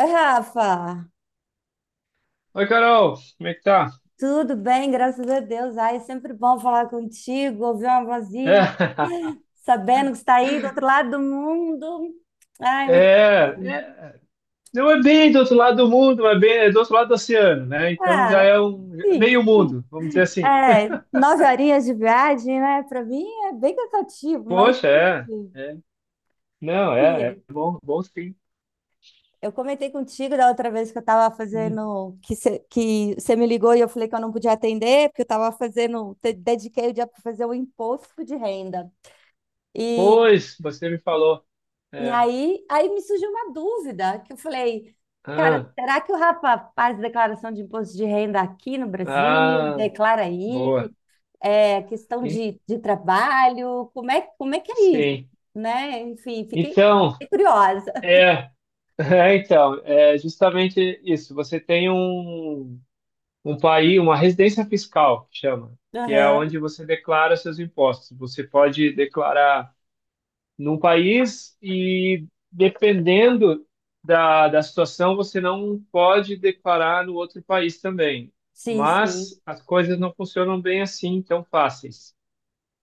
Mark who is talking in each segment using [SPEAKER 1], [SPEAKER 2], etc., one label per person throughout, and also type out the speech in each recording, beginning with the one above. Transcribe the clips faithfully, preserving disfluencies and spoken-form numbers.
[SPEAKER 1] Oi, Rafa,
[SPEAKER 2] Oi, Carol, como é que tá?
[SPEAKER 1] tudo bem? Graças a Deus. Ai, é sempre bom falar contigo, ouvir uma
[SPEAKER 2] É,
[SPEAKER 1] vozinha, sabendo que está aí do outro lado do mundo. Ai, muito
[SPEAKER 2] é,
[SPEAKER 1] bom.
[SPEAKER 2] é, não é bem do outro lado do mundo, mas bem, é do outro lado do oceano, né? Então já
[SPEAKER 1] Ah,
[SPEAKER 2] é um
[SPEAKER 1] sim.
[SPEAKER 2] meio mundo, vamos dizer assim.
[SPEAKER 1] É, nove horinhas de viagem, né? Para mim é bem cansativo, mas
[SPEAKER 2] Poxa, é, é. Não, é, é
[SPEAKER 1] sim.
[SPEAKER 2] bom, bom sim.
[SPEAKER 1] Eu comentei contigo da outra vez que eu estava
[SPEAKER 2] Hum.
[SPEAKER 1] fazendo, que você que você me ligou e eu falei que eu não podia atender, porque eu estava fazendo, te- dediquei o dia para fazer o imposto de renda.
[SPEAKER 2] Pois, você me falou.
[SPEAKER 1] E
[SPEAKER 2] É.
[SPEAKER 1] aí, aí me surgiu uma dúvida, que eu falei, cara,
[SPEAKER 2] Ah,
[SPEAKER 1] será que o rapaz faz declaração de imposto de renda aqui no Brasil?
[SPEAKER 2] ah,
[SPEAKER 1] Declara aí,
[SPEAKER 2] boa.
[SPEAKER 1] é questão
[SPEAKER 2] E-
[SPEAKER 1] de, de trabalho, como é, como é que é isso,
[SPEAKER 2] Sim.
[SPEAKER 1] né? Enfim, fiquei
[SPEAKER 2] Então,
[SPEAKER 1] fiquei curiosa.
[SPEAKER 2] é, é então, é justamente isso. Você tem um um país, uma residência fiscal, que chama, que é
[SPEAKER 1] Aham,
[SPEAKER 2] onde você declara seus impostos. Você pode declarar num país e, dependendo da, da situação, você não pode declarar no outro país também.
[SPEAKER 1] sim, sim.
[SPEAKER 2] Mas as coisas não funcionam bem assim, tão fáceis.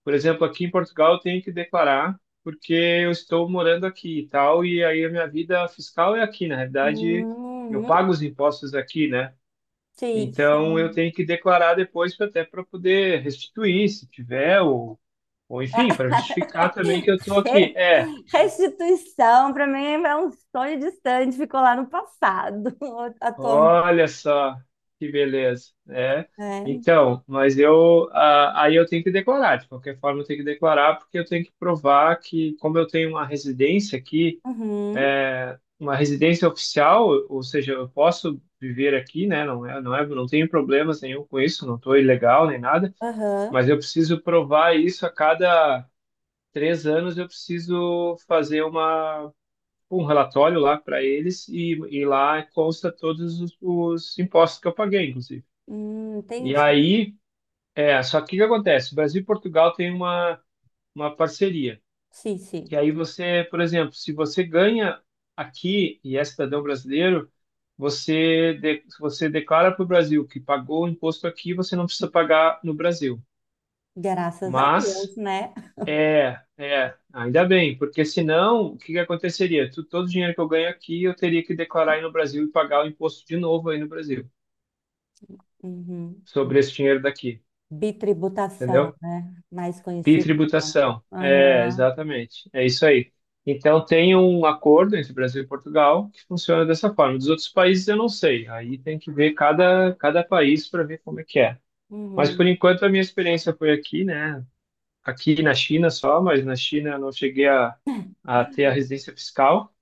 [SPEAKER 2] Por exemplo, aqui em Portugal eu tenho que declarar porque eu estou morando aqui e tal, e aí a minha vida fiscal é aqui, na realidade eu
[SPEAKER 1] Uhum,
[SPEAKER 2] pago os impostos aqui, né?
[SPEAKER 1] sim,
[SPEAKER 2] Então eu
[SPEAKER 1] sim.
[SPEAKER 2] tenho que declarar depois pra- até para poder restituir, se tiver, ou, ou enfim,
[SPEAKER 1] Ah,
[SPEAKER 2] para justificar também que eu estou aqui. É,
[SPEAKER 1] restituição, para mim, é um sonho distante, ficou lá no passado, atualmente.
[SPEAKER 2] olha só que beleza. É,
[SPEAKER 1] É.
[SPEAKER 2] então, mas eu ah, aí eu tenho que declarar, de qualquer forma eu tenho que declarar, porque eu tenho que provar que, como eu tenho uma residência aqui,
[SPEAKER 1] Uhum.
[SPEAKER 2] é, uma residência oficial, ou seja, eu posso viver aqui, né? Não é, não é, não tenho problemas nenhum com isso, não estou ilegal nem nada.
[SPEAKER 1] Aham.
[SPEAKER 2] Mas eu preciso provar isso a cada três anos. Eu preciso fazer uma, um relatório lá para eles e, e lá consta todos os, os impostos que eu paguei, inclusive.
[SPEAKER 1] Hum,
[SPEAKER 2] E
[SPEAKER 1] entendi.
[SPEAKER 2] aí, é, só que o que acontece? O Brasil e Portugal têm uma, uma parceria.
[SPEAKER 1] Sim,
[SPEAKER 2] Que
[SPEAKER 1] sim.
[SPEAKER 2] aí você, por exemplo, se você ganha aqui e é cidadão brasileiro, você, de, você declara para o Brasil que pagou o imposto aqui, você não precisa pagar no Brasil.
[SPEAKER 1] Graças a
[SPEAKER 2] Mas
[SPEAKER 1] Deus, né?
[SPEAKER 2] É, é, ainda bem, porque senão o que que aconteceria? Tu- todo o dinheiro que eu ganho aqui eu teria que declarar aí no Brasil e pagar o imposto de novo aí no Brasil
[SPEAKER 1] Uhum.
[SPEAKER 2] sobre esse dinheiro daqui,
[SPEAKER 1] Bitributação,
[SPEAKER 2] entendeu?
[SPEAKER 1] né? Mais
[SPEAKER 2] E
[SPEAKER 1] conhecido como.
[SPEAKER 2] tributação. É,
[SPEAKER 1] Aham.
[SPEAKER 2] exatamente. É isso aí. Então tem um acordo entre Brasil e Portugal que funciona dessa forma. Dos outros países eu não sei. Aí tem que ver cada, cada país para ver como é que é. Mas por
[SPEAKER 1] Uhum.
[SPEAKER 2] enquanto a minha experiência foi aqui, né? Aqui na China só, mas na China eu não cheguei a, a ter a residência fiscal.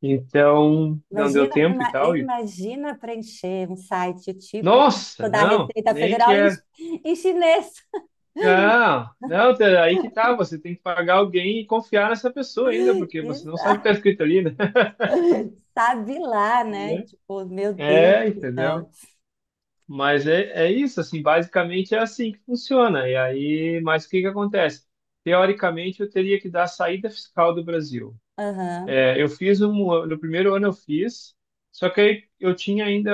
[SPEAKER 2] Então, não deu
[SPEAKER 1] Imagina,
[SPEAKER 2] tempo e
[SPEAKER 1] ima-
[SPEAKER 2] tal. E,
[SPEAKER 1] imagina preencher um site tipo
[SPEAKER 2] nossa,
[SPEAKER 1] da
[SPEAKER 2] não,
[SPEAKER 1] Receita
[SPEAKER 2] nem
[SPEAKER 1] Federal em,
[SPEAKER 2] quero.
[SPEAKER 1] em chinês.
[SPEAKER 2] Não, não, Tere, aí que tá. Você tem que pagar alguém e confiar nessa pessoa ainda, porque você não sabe o que
[SPEAKER 1] Isso,
[SPEAKER 2] tá escrito ali, né?
[SPEAKER 1] sabe lá, né?
[SPEAKER 2] Né?
[SPEAKER 1] Tipo, meu Deus
[SPEAKER 2] É,
[SPEAKER 1] do
[SPEAKER 2] entendeu?
[SPEAKER 1] céu.
[SPEAKER 2] Mas é, é isso, assim, basicamente é assim que funciona. E aí, mas o que que acontece? Teoricamente, eu teria que dar saída fiscal do Brasil.
[SPEAKER 1] Aham.
[SPEAKER 2] É, eu fiz um, no primeiro ano eu fiz, só que aí eu tinha ainda,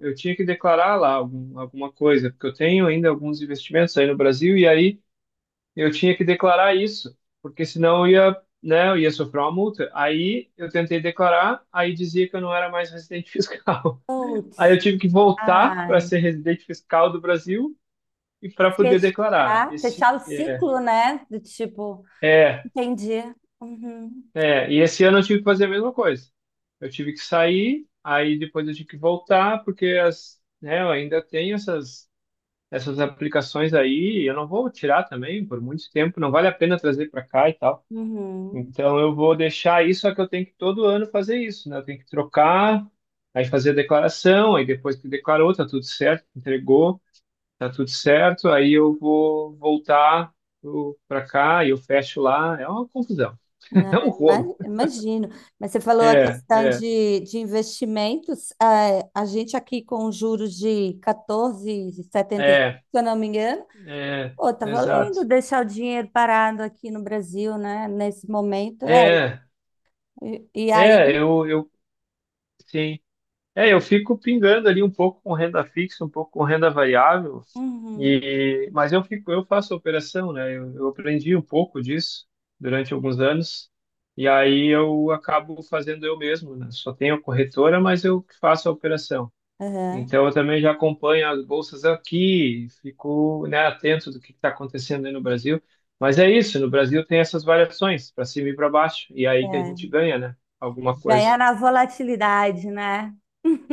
[SPEAKER 2] eu tinha que declarar lá algum, alguma coisa, porque eu tenho ainda alguns investimentos aí no Brasil e aí eu tinha que declarar isso, porque senão eu ia, né, eu ia sofrer uma multa. Aí eu tentei declarar, aí dizia que eu não era mais residente fiscal. Aí eu
[SPEAKER 1] Putz,
[SPEAKER 2] tive que voltar para
[SPEAKER 1] ai.
[SPEAKER 2] ser residente fiscal do Brasil e para poder declarar.
[SPEAKER 1] Fechar,
[SPEAKER 2] Esse
[SPEAKER 1] fechar o
[SPEAKER 2] é,
[SPEAKER 1] ciclo, né? Do tipo.
[SPEAKER 2] é.
[SPEAKER 1] Entendi. Uhum,
[SPEAKER 2] É, e esse ano eu tive que fazer a mesma coisa. Eu tive que sair, aí depois eu tive que voltar, porque as, né, eu ainda tenho essas, essas aplicações aí, e eu não vou tirar também por muito tempo, não vale a pena trazer para cá e tal.
[SPEAKER 1] uhum.
[SPEAKER 2] Então eu vou deixar isso, só que eu tenho que todo ano fazer isso, né? Eu tenho que trocar, aí fazer a declaração, aí depois que declarou, tá tudo certo, entregou, tá tudo certo, aí eu vou voltar para cá e eu fecho lá. É uma confusão, é um
[SPEAKER 1] É,
[SPEAKER 2] rolo.
[SPEAKER 1] ima- imagino. Mas você falou a
[SPEAKER 2] É,
[SPEAKER 1] questão
[SPEAKER 2] é.
[SPEAKER 1] de, de investimentos. É, a gente aqui com juros de catorze vírgula setenta e cinco,
[SPEAKER 2] É,
[SPEAKER 1] se eu não me engano,
[SPEAKER 2] é,
[SPEAKER 1] pô, tá valendo
[SPEAKER 2] exato.
[SPEAKER 1] deixar o dinheiro parado aqui no Brasil, né? Nesse momento. É,
[SPEAKER 2] É,
[SPEAKER 1] e, e aí.
[SPEAKER 2] é, eu, eu, sim. É, eu fico pingando ali um pouco com renda fixa, um pouco com renda variável,
[SPEAKER 1] Uhum,
[SPEAKER 2] e, mas eu fico, eu faço operação, né? Eu, eu aprendi um pouco disso durante alguns anos, e aí eu acabo fazendo eu mesmo, né? Só tenho a corretora, mas eu que faço a operação.
[SPEAKER 1] uhum,
[SPEAKER 2] Então, eu também já acompanho as bolsas aqui, fico, né, atento do que está acontecendo aí no Brasil. Mas é isso, no Brasil tem essas variações, para cima e para baixo, e aí que a gente
[SPEAKER 1] é.
[SPEAKER 2] ganha, né? Alguma coisa.
[SPEAKER 1] Ganhar na volatilidade, né?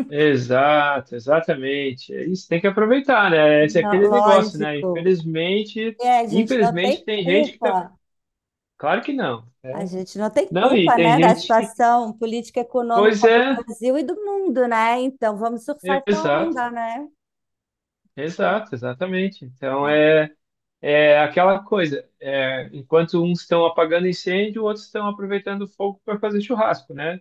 [SPEAKER 2] Exato, exatamente. É isso, tem que aproveitar, né? Esse é
[SPEAKER 1] Não,
[SPEAKER 2] aquele negócio, né?
[SPEAKER 1] lógico.
[SPEAKER 2] Infelizmente,
[SPEAKER 1] É, a gente não
[SPEAKER 2] infelizmente
[SPEAKER 1] tem
[SPEAKER 2] tem gente que tá.
[SPEAKER 1] culpa.
[SPEAKER 2] Claro que não,
[SPEAKER 1] A
[SPEAKER 2] né?
[SPEAKER 1] gente não tem
[SPEAKER 2] Não, e
[SPEAKER 1] culpa,
[SPEAKER 2] tem
[SPEAKER 1] né, da
[SPEAKER 2] gente que.
[SPEAKER 1] situação política e
[SPEAKER 2] Pois
[SPEAKER 1] econômica do
[SPEAKER 2] é,
[SPEAKER 1] Brasil e do mundo, né? Então vamos surfar essa
[SPEAKER 2] exato,
[SPEAKER 1] onda, né?
[SPEAKER 2] exato, exatamente. Então é. É aquela coisa, é, enquanto uns estão apagando incêndio, outros estão aproveitando o fogo para fazer churrasco, né?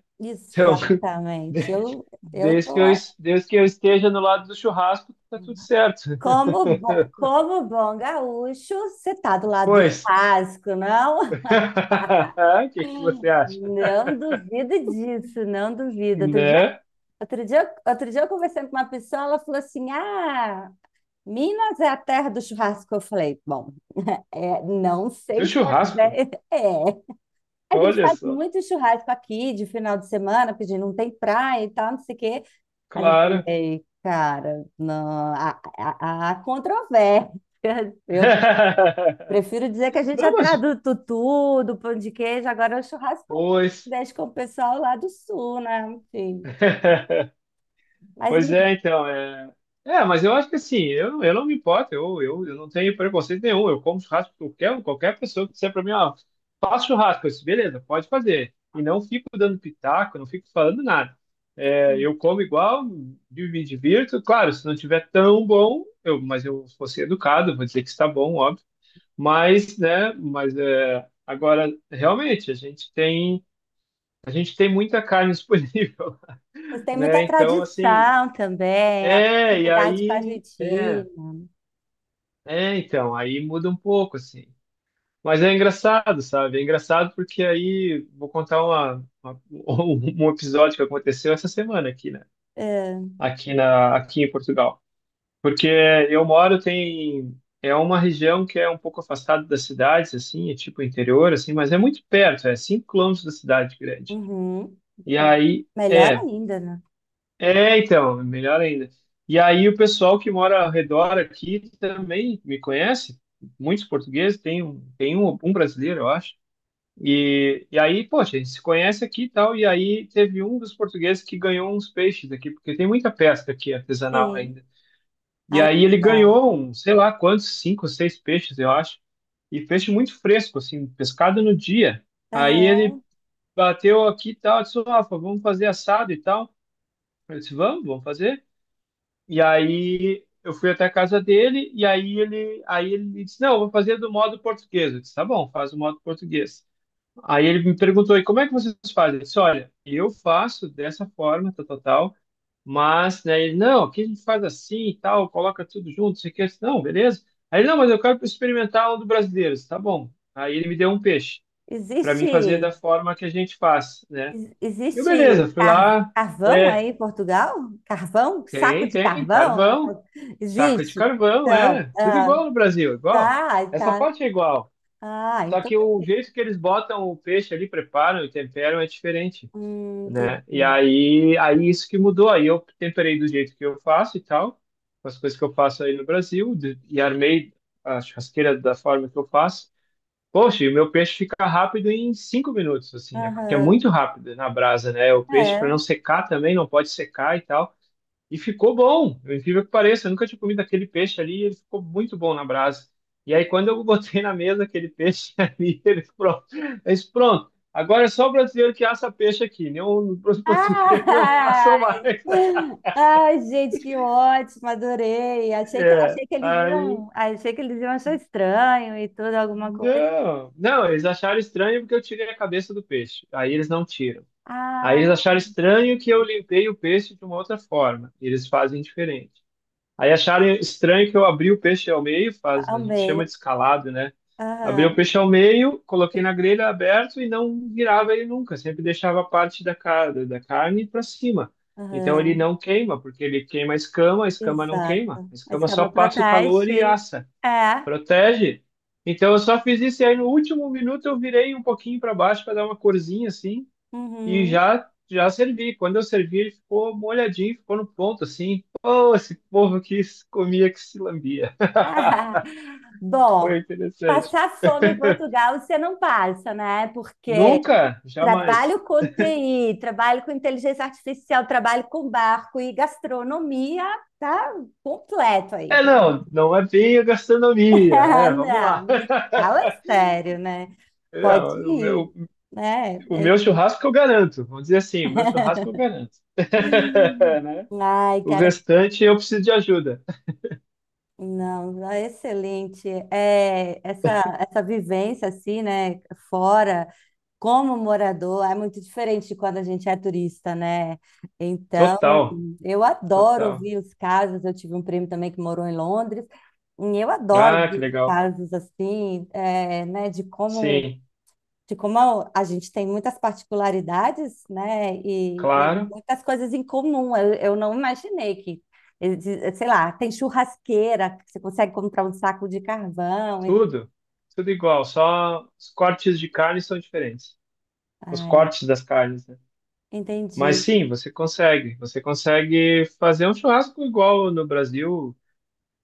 [SPEAKER 2] Então,
[SPEAKER 1] Exatamente.
[SPEAKER 2] de-
[SPEAKER 1] Eu, eu
[SPEAKER 2] desde
[SPEAKER 1] tô
[SPEAKER 2] que eu,
[SPEAKER 1] lá.
[SPEAKER 2] es- desde que eu esteja no lado do churrasco, tá tudo certo.
[SPEAKER 1] Como bom, como bom gaúcho, você tá do lado dos
[SPEAKER 2] Pois,
[SPEAKER 1] churrasco, não?
[SPEAKER 2] o que que você acha?
[SPEAKER 1] Não duvido disso, não duvido. Outro dia,
[SPEAKER 2] Né?
[SPEAKER 1] outro dia, outro dia eu conversei com uma pessoa, ela falou assim: Ah, Minas é a terra do churrasco. Eu falei: Bom, é, não
[SPEAKER 2] Do
[SPEAKER 1] sei se é,
[SPEAKER 2] churrasco?
[SPEAKER 1] bem- é. A gente
[SPEAKER 2] Olha
[SPEAKER 1] faz
[SPEAKER 2] só,
[SPEAKER 1] muito churrasco aqui de final de semana, porque a gente não tem praia e tal, não sei o quê. Mas eu
[SPEAKER 2] claro.
[SPEAKER 1] falei, cara, não, há, há, há controvérsia. Eu prefiro dizer que a gente
[SPEAKER 2] Não,
[SPEAKER 1] atrás
[SPEAKER 2] mas,
[SPEAKER 1] do tutu, do pão de queijo, agora é o churrasco
[SPEAKER 2] pois.
[SPEAKER 1] deixa com o pessoal lá do sul, né? Enfim. Mas
[SPEAKER 2] Pois
[SPEAKER 1] me-
[SPEAKER 2] é, então, é... É, mas eu acho que assim, eu, não- eu não me importo, eu, eu, eu não tenho preconceito nenhum, eu como churrasco com qualquer, um, qualquer pessoa que disser pra mim, ó, faço churrasco, eu disse, beleza, pode fazer. E não fico dando pitaco, não fico falando nada. É, eu como igual, me me divirto, claro, se não tiver tão bom, eu, mas eu vou ser educado, vou dizer que está bom, óbvio, mas, né, mas é, agora, realmente, a gente tem, a gente tem muita carne disponível,
[SPEAKER 1] vocês têm muita
[SPEAKER 2] né, então, assim,
[SPEAKER 1] tradição também, a
[SPEAKER 2] é, e
[SPEAKER 1] proximidade com a
[SPEAKER 2] aí, é,
[SPEAKER 1] Argentina.
[SPEAKER 2] é, então, aí muda um pouco, assim. Mas é engraçado, sabe? É engraçado porque aí vou contar uma, uma- um episódio que aconteceu essa semana aqui, né?
[SPEAKER 1] É,
[SPEAKER 2] Aqui na, aqui em Portugal. Porque eu moro tem é uma região que é um pouco afastada das cidades, assim, é tipo interior, assim, mas é muito perto, é cinco quilômetros da cidade grande.
[SPEAKER 1] uhum.
[SPEAKER 2] E aí,
[SPEAKER 1] Melhor
[SPEAKER 2] é.
[SPEAKER 1] ainda, né?
[SPEAKER 2] É, então, melhor ainda. E aí o pessoal que mora ao redor aqui também me conhece, muitos portugueses, tem um, tem um, um brasileiro, eu acho. E, e aí, poxa, a gente se conhece aqui e tal, e aí teve um dos portugueses que ganhou uns peixes aqui, porque tem muita pesca aqui artesanal
[SPEAKER 1] Sim.
[SPEAKER 2] ainda. E
[SPEAKER 1] Ai, que
[SPEAKER 2] aí ele
[SPEAKER 1] legal.
[SPEAKER 2] ganhou, um, sei lá quantos, cinco ou seis peixes, eu acho, e peixe muito fresco, assim, pescado no dia. Aí
[SPEAKER 1] Aham.
[SPEAKER 2] ele bateu aqui e tal, disse, Rafa, vamos fazer assado e tal. Eu disse, vamos, vamos fazer. E aí eu fui até a casa dele e aí ele, aí ele me disse, não, eu vou fazer do modo português. Eu disse, tá bom, faz do modo português. Aí ele me perguntou, e como é que vocês fazem? Eu disse, olha, eu faço dessa forma, tal, tal, tal, mas, né, ele, não, aqui a gente faz assim e tal, coloca tudo junto, isso aqui, eu disse, não, beleza. Aí ele, não, mas eu quero experimentar um do brasileiro. Eu disse, tá bom. Aí ele me deu um peixe para mim
[SPEAKER 1] Existe,
[SPEAKER 2] fazer da forma que a gente faz, né?
[SPEAKER 1] ex-
[SPEAKER 2] Eu, beleza,
[SPEAKER 1] existe
[SPEAKER 2] fui
[SPEAKER 1] car-
[SPEAKER 2] lá,
[SPEAKER 1] carvão aí
[SPEAKER 2] é,
[SPEAKER 1] em Portugal? Carvão? Saco
[SPEAKER 2] tem,
[SPEAKER 1] de
[SPEAKER 2] tem,
[SPEAKER 1] carvão?
[SPEAKER 2] carvão. Saco de
[SPEAKER 1] Existe?
[SPEAKER 2] carvão,
[SPEAKER 1] Então,
[SPEAKER 2] é. Tudo
[SPEAKER 1] ah,
[SPEAKER 2] igual no Brasil, igual.
[SPEAKER 1] tá,
[SPEAKER 2] Essa
[SPEAKER 1] tá.
[SPEAKER 2] parte é igual.
[SPEAKER 1] Ah,
[SPEAKER 2] Só
[SPEAKER 1] então.
[SPEAKER 2] que o jeito que eles botam o peixe ali, preparam e temperam é diferente,
[SPEAKER 1] Hum,
[SPEAKER 2] né? E
[SPEAKER 1] entendi.
[SPEAKER 2] aí, aí isso que mudou. Aí eu temperei do jeito que eu faço e tal, com as coisas que eu faço aí no Brasil, de- e armei a churrasqueira da forma que eu faço. Poxa, e o meu peixe fica rápido em cinco minutos, assim. É porque é muito
[SPEAKER 1] Aham,
[SPEAKER 2] rápido na brasa, né? O peixe, para não
[SPEAKER 1] é.
[SPEAKER 2] secar também, não pode secar e tal. E ficou bom, eu incrível que pareça, eu nunca tinha comido aquele peixe ali, e ele ficou muito bom na brasa. E aí, quando eu botei na mesa aquele peixe ali, ele pronto, eu disse, pronto, agora é só o brasileiro que assa peixe aqui, né? Os portugueses não
[SPEAKER 1] Ah,
[SPEAKER 2] assam mais.
[SPEAKER 1] ai, gente, que ótimo, adorei. Achei que,
[SPEAKER 2] É,
[SPEAKER 1] achei que eles
[SPEAKER 2] aí,
[SPEAKER 1] iam, achei que eles iam achar estranho e tudo, alguma coisa.
[SPEAKER 2] não, não, eles acharam estranho porque eu tirei a cabeça do peixe, aí eles não tiram. Aí eles
[SPEAKER 1] Ah,
[SPEAKER 2] acharam estranho que eu limpei o peixe de uma outra forma, eles fazem diferente. Aí acharam estranho que eu abri o peixe ao meio, faz, a gente
[SPEAKER 1] amei.
[SPEAKER 2] chama de escalado, né? Abri o
[SPEAKER 1] Aham,
[SPEAKER 2] peixe ao meio, coloquei na grelha aberto e não virava ele nunca, sempre deixava a parte da, ca- da carne para cima. Então ele
[SPEAKER 1] aham.
[SPEAKER 2] não queima, porque ele queima a escama, a escama não queima,
[SPEAKER 1] Exato.
[SPEAKER 2] a
[SPEAKER 1] A
[SPEAKER 2] escama só
[SPEAKER 1] escama
[SPEAKER 2] passa o calor e
[SPEAKER 1] protege.
[SPEAKER 2] assa,
[SPEAKER 1] É.
[SPEAKER 2] protege. Então eu só fiz isso e aí no último minuto eu virei um pouquinho para baixo para dar uma corzinha assim e
[SPEAKER 1] Uhum.
[SPEAKER 2] já já servi. Quando eu servi, ele ficou molhadinho, ficou no ponto assim. Pô, esse povo que se comia, que se lambia.
[SPEAKER 1] Ah,
[SPEAKER 2] Foi
[SPEAKER 1] bom,
[SPEAKER 2] interessante.
[SPEAKER 1] passar fome em Portugal você não passa, né? Porque
[SPEAKER 2] Nunca, jamais.
[SPEAKER 1] trabalho com T I, trabalho com inteligência artificial, trabalho com barco e gastronomia, tá completo aí.
[SPEAKER 2] É, não, não é bem a gastronomia,
[SPEAKER 1] Ah,
[SPEAKER 2] né? Vamos lá.
[SPEAKER 1] não, mas fala sério, né? Pode
[SPEAKER 2] Não, o
[SPEAKER 1] ir,
[SPEAKER 2] meu,
[SPEAKER 1] né?
[SPEAKER 2] o meu churrasco eu garanto. Vamos dizer assim, o meu churrasco eu garanto. Né?
[SPEAKER 1] Ai,
[SPEAKER 2] O
[SPEAKER 1] cara,
[SPEAKER 2] restante eu preciso de ajuda.
[SPEAKER 1] não, é excelente. É, essa, essa vivência assim, né, fora, como morador, é muito diferente de quando a gente é turista, né? Então,
[SPEAKER 2] Total,
[SPEAKER 1] eu adoro
[SPEAKER 2] total.
[SPEAKER 1] ouvir os casos. Eu tive um primo também que morou em Londres, e eu adoro
[SPEAKER 2] Ah,
[SPEAKER 1] ouvir
[SPEAKER 2] que
[SPEAKER 1] os
[SPEAKER 2] legal.
[SPEAKER 1] casos assim, é, né, de como
[SPEAKER 2] Sim,
[SPEAKER 1] de como a a gente tem muitas particularidades, né, e, e
[SPEAKER 2] claro.
[SPEAKER 1] muitas coisas em comum. Eu, eu não imaginei que, exi- sei lá, tem churrasqueira, que você consegue comprar um saco de carvão. E-
[SPEAKER 2] Tudo, tudo igual, só os cortes de carne são diferentes. Os
[SPEAKER 1] Ah, é.
[SPEAKER 2] cortes das carnes, né? Mas
[SPEAKER 1] Entendi.
[SPEAKER 2] sim, você consegue. Você consegue fazer um churrasco igual no Brasil.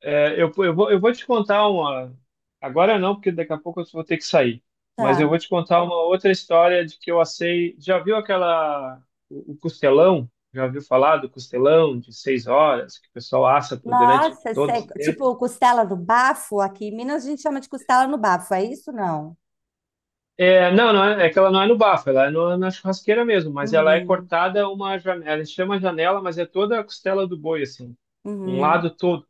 [SPEAKER 2] É, eu, eu vou, eu vou te contar uma. Agora não, porque daqui a pouco eu vou ter que sair. Mas eu
[SPEAKER 1] Tá.
[SPEAKER 2] vou te contar uma outra história de que eu assei. Já viu aquela. O o costelão? Já ouviu falar do costelão de seis horas, que o pessoal assa por durante
[SPEAKER 1] Nossa,
[SPEAKER 2] todo
[SPEAKER 1] sei,
[SPEAKER 2] esse tempo?
[SPEAKER 1] tipo costela do bafo, aqui em Minas a gente chama de costela no bafo, é isso não?
[SPEAKER 2] É, não, não é, é que ela não é no bafo, ela é no- na churrasqueira mesmo, mas ela é
[SPEAKER 1] Uhum,
[SPEAKER 2] cortada uma janela, ela chama janela, mas é toda a costela do boi, assim, um
[SPEAKER 1] uhum.
[SPEAKER 2] lado todo.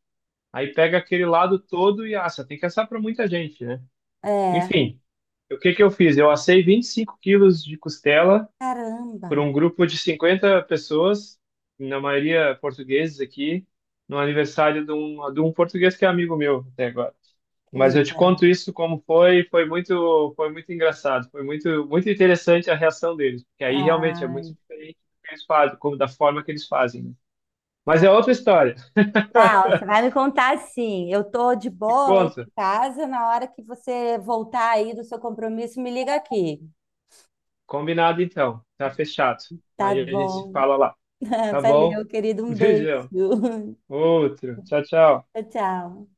[SPEAKER 2] Aí pega aquele lado todo e assa, tem que assar para muita gente, né?
[SPEAKER 1] É,
[SPEAKER 2] Enfim, o que que eu fiz? Eu assei vinte e cinco quilos de costela por
[SPEAKER 1] caramba,
[SPEAKER 2] um grupo de cinquenta pessoas, na maioria portugueses aqui, no aniversário de um, de um português que é amigo meu até agora.
[SPEAKER 1] que
[SPEAKER 2] Mas eu te
[SPEAKER 1] legal.
[SPEAKER 2] conto isso como foi, foi muito, foi muito engraçado, foi muito, muito interessante a reação deles, porque aí realmente é muito
[SPEAKER 1] Ai,
[SPEAKER 2] diferente do que eles fazem, como da forma que eles fazem, né? Mas
[SPEAKER 1] tá.
[SPEAKER 2] é outra história.
[SPEAKER 1] Não, você vai me contar sim. Eu tô de
[SPEAKER 2] Te
[SPEAKER 1] boa hoje
[SPEAKER 2] conto.
[SPEAKER 1] em casa. Na hora que você voltar aí do seu compromisso, me liga aqui.
[SPEAKER 2] Combinado então, tá fechado.
[SPEAKER 1] Tá
[SPEAKER 2] Aí a gente se
[SPEAKER 1] bom.
[SPEAKER 2] fala lá, tá bom?
[SPEAKER 1] Valeu, querido. Um beijo.
[SPEAKER 2] Beijão. Outro. Tchau, tchau.
[SPEAKER 1] Tchau, tchau.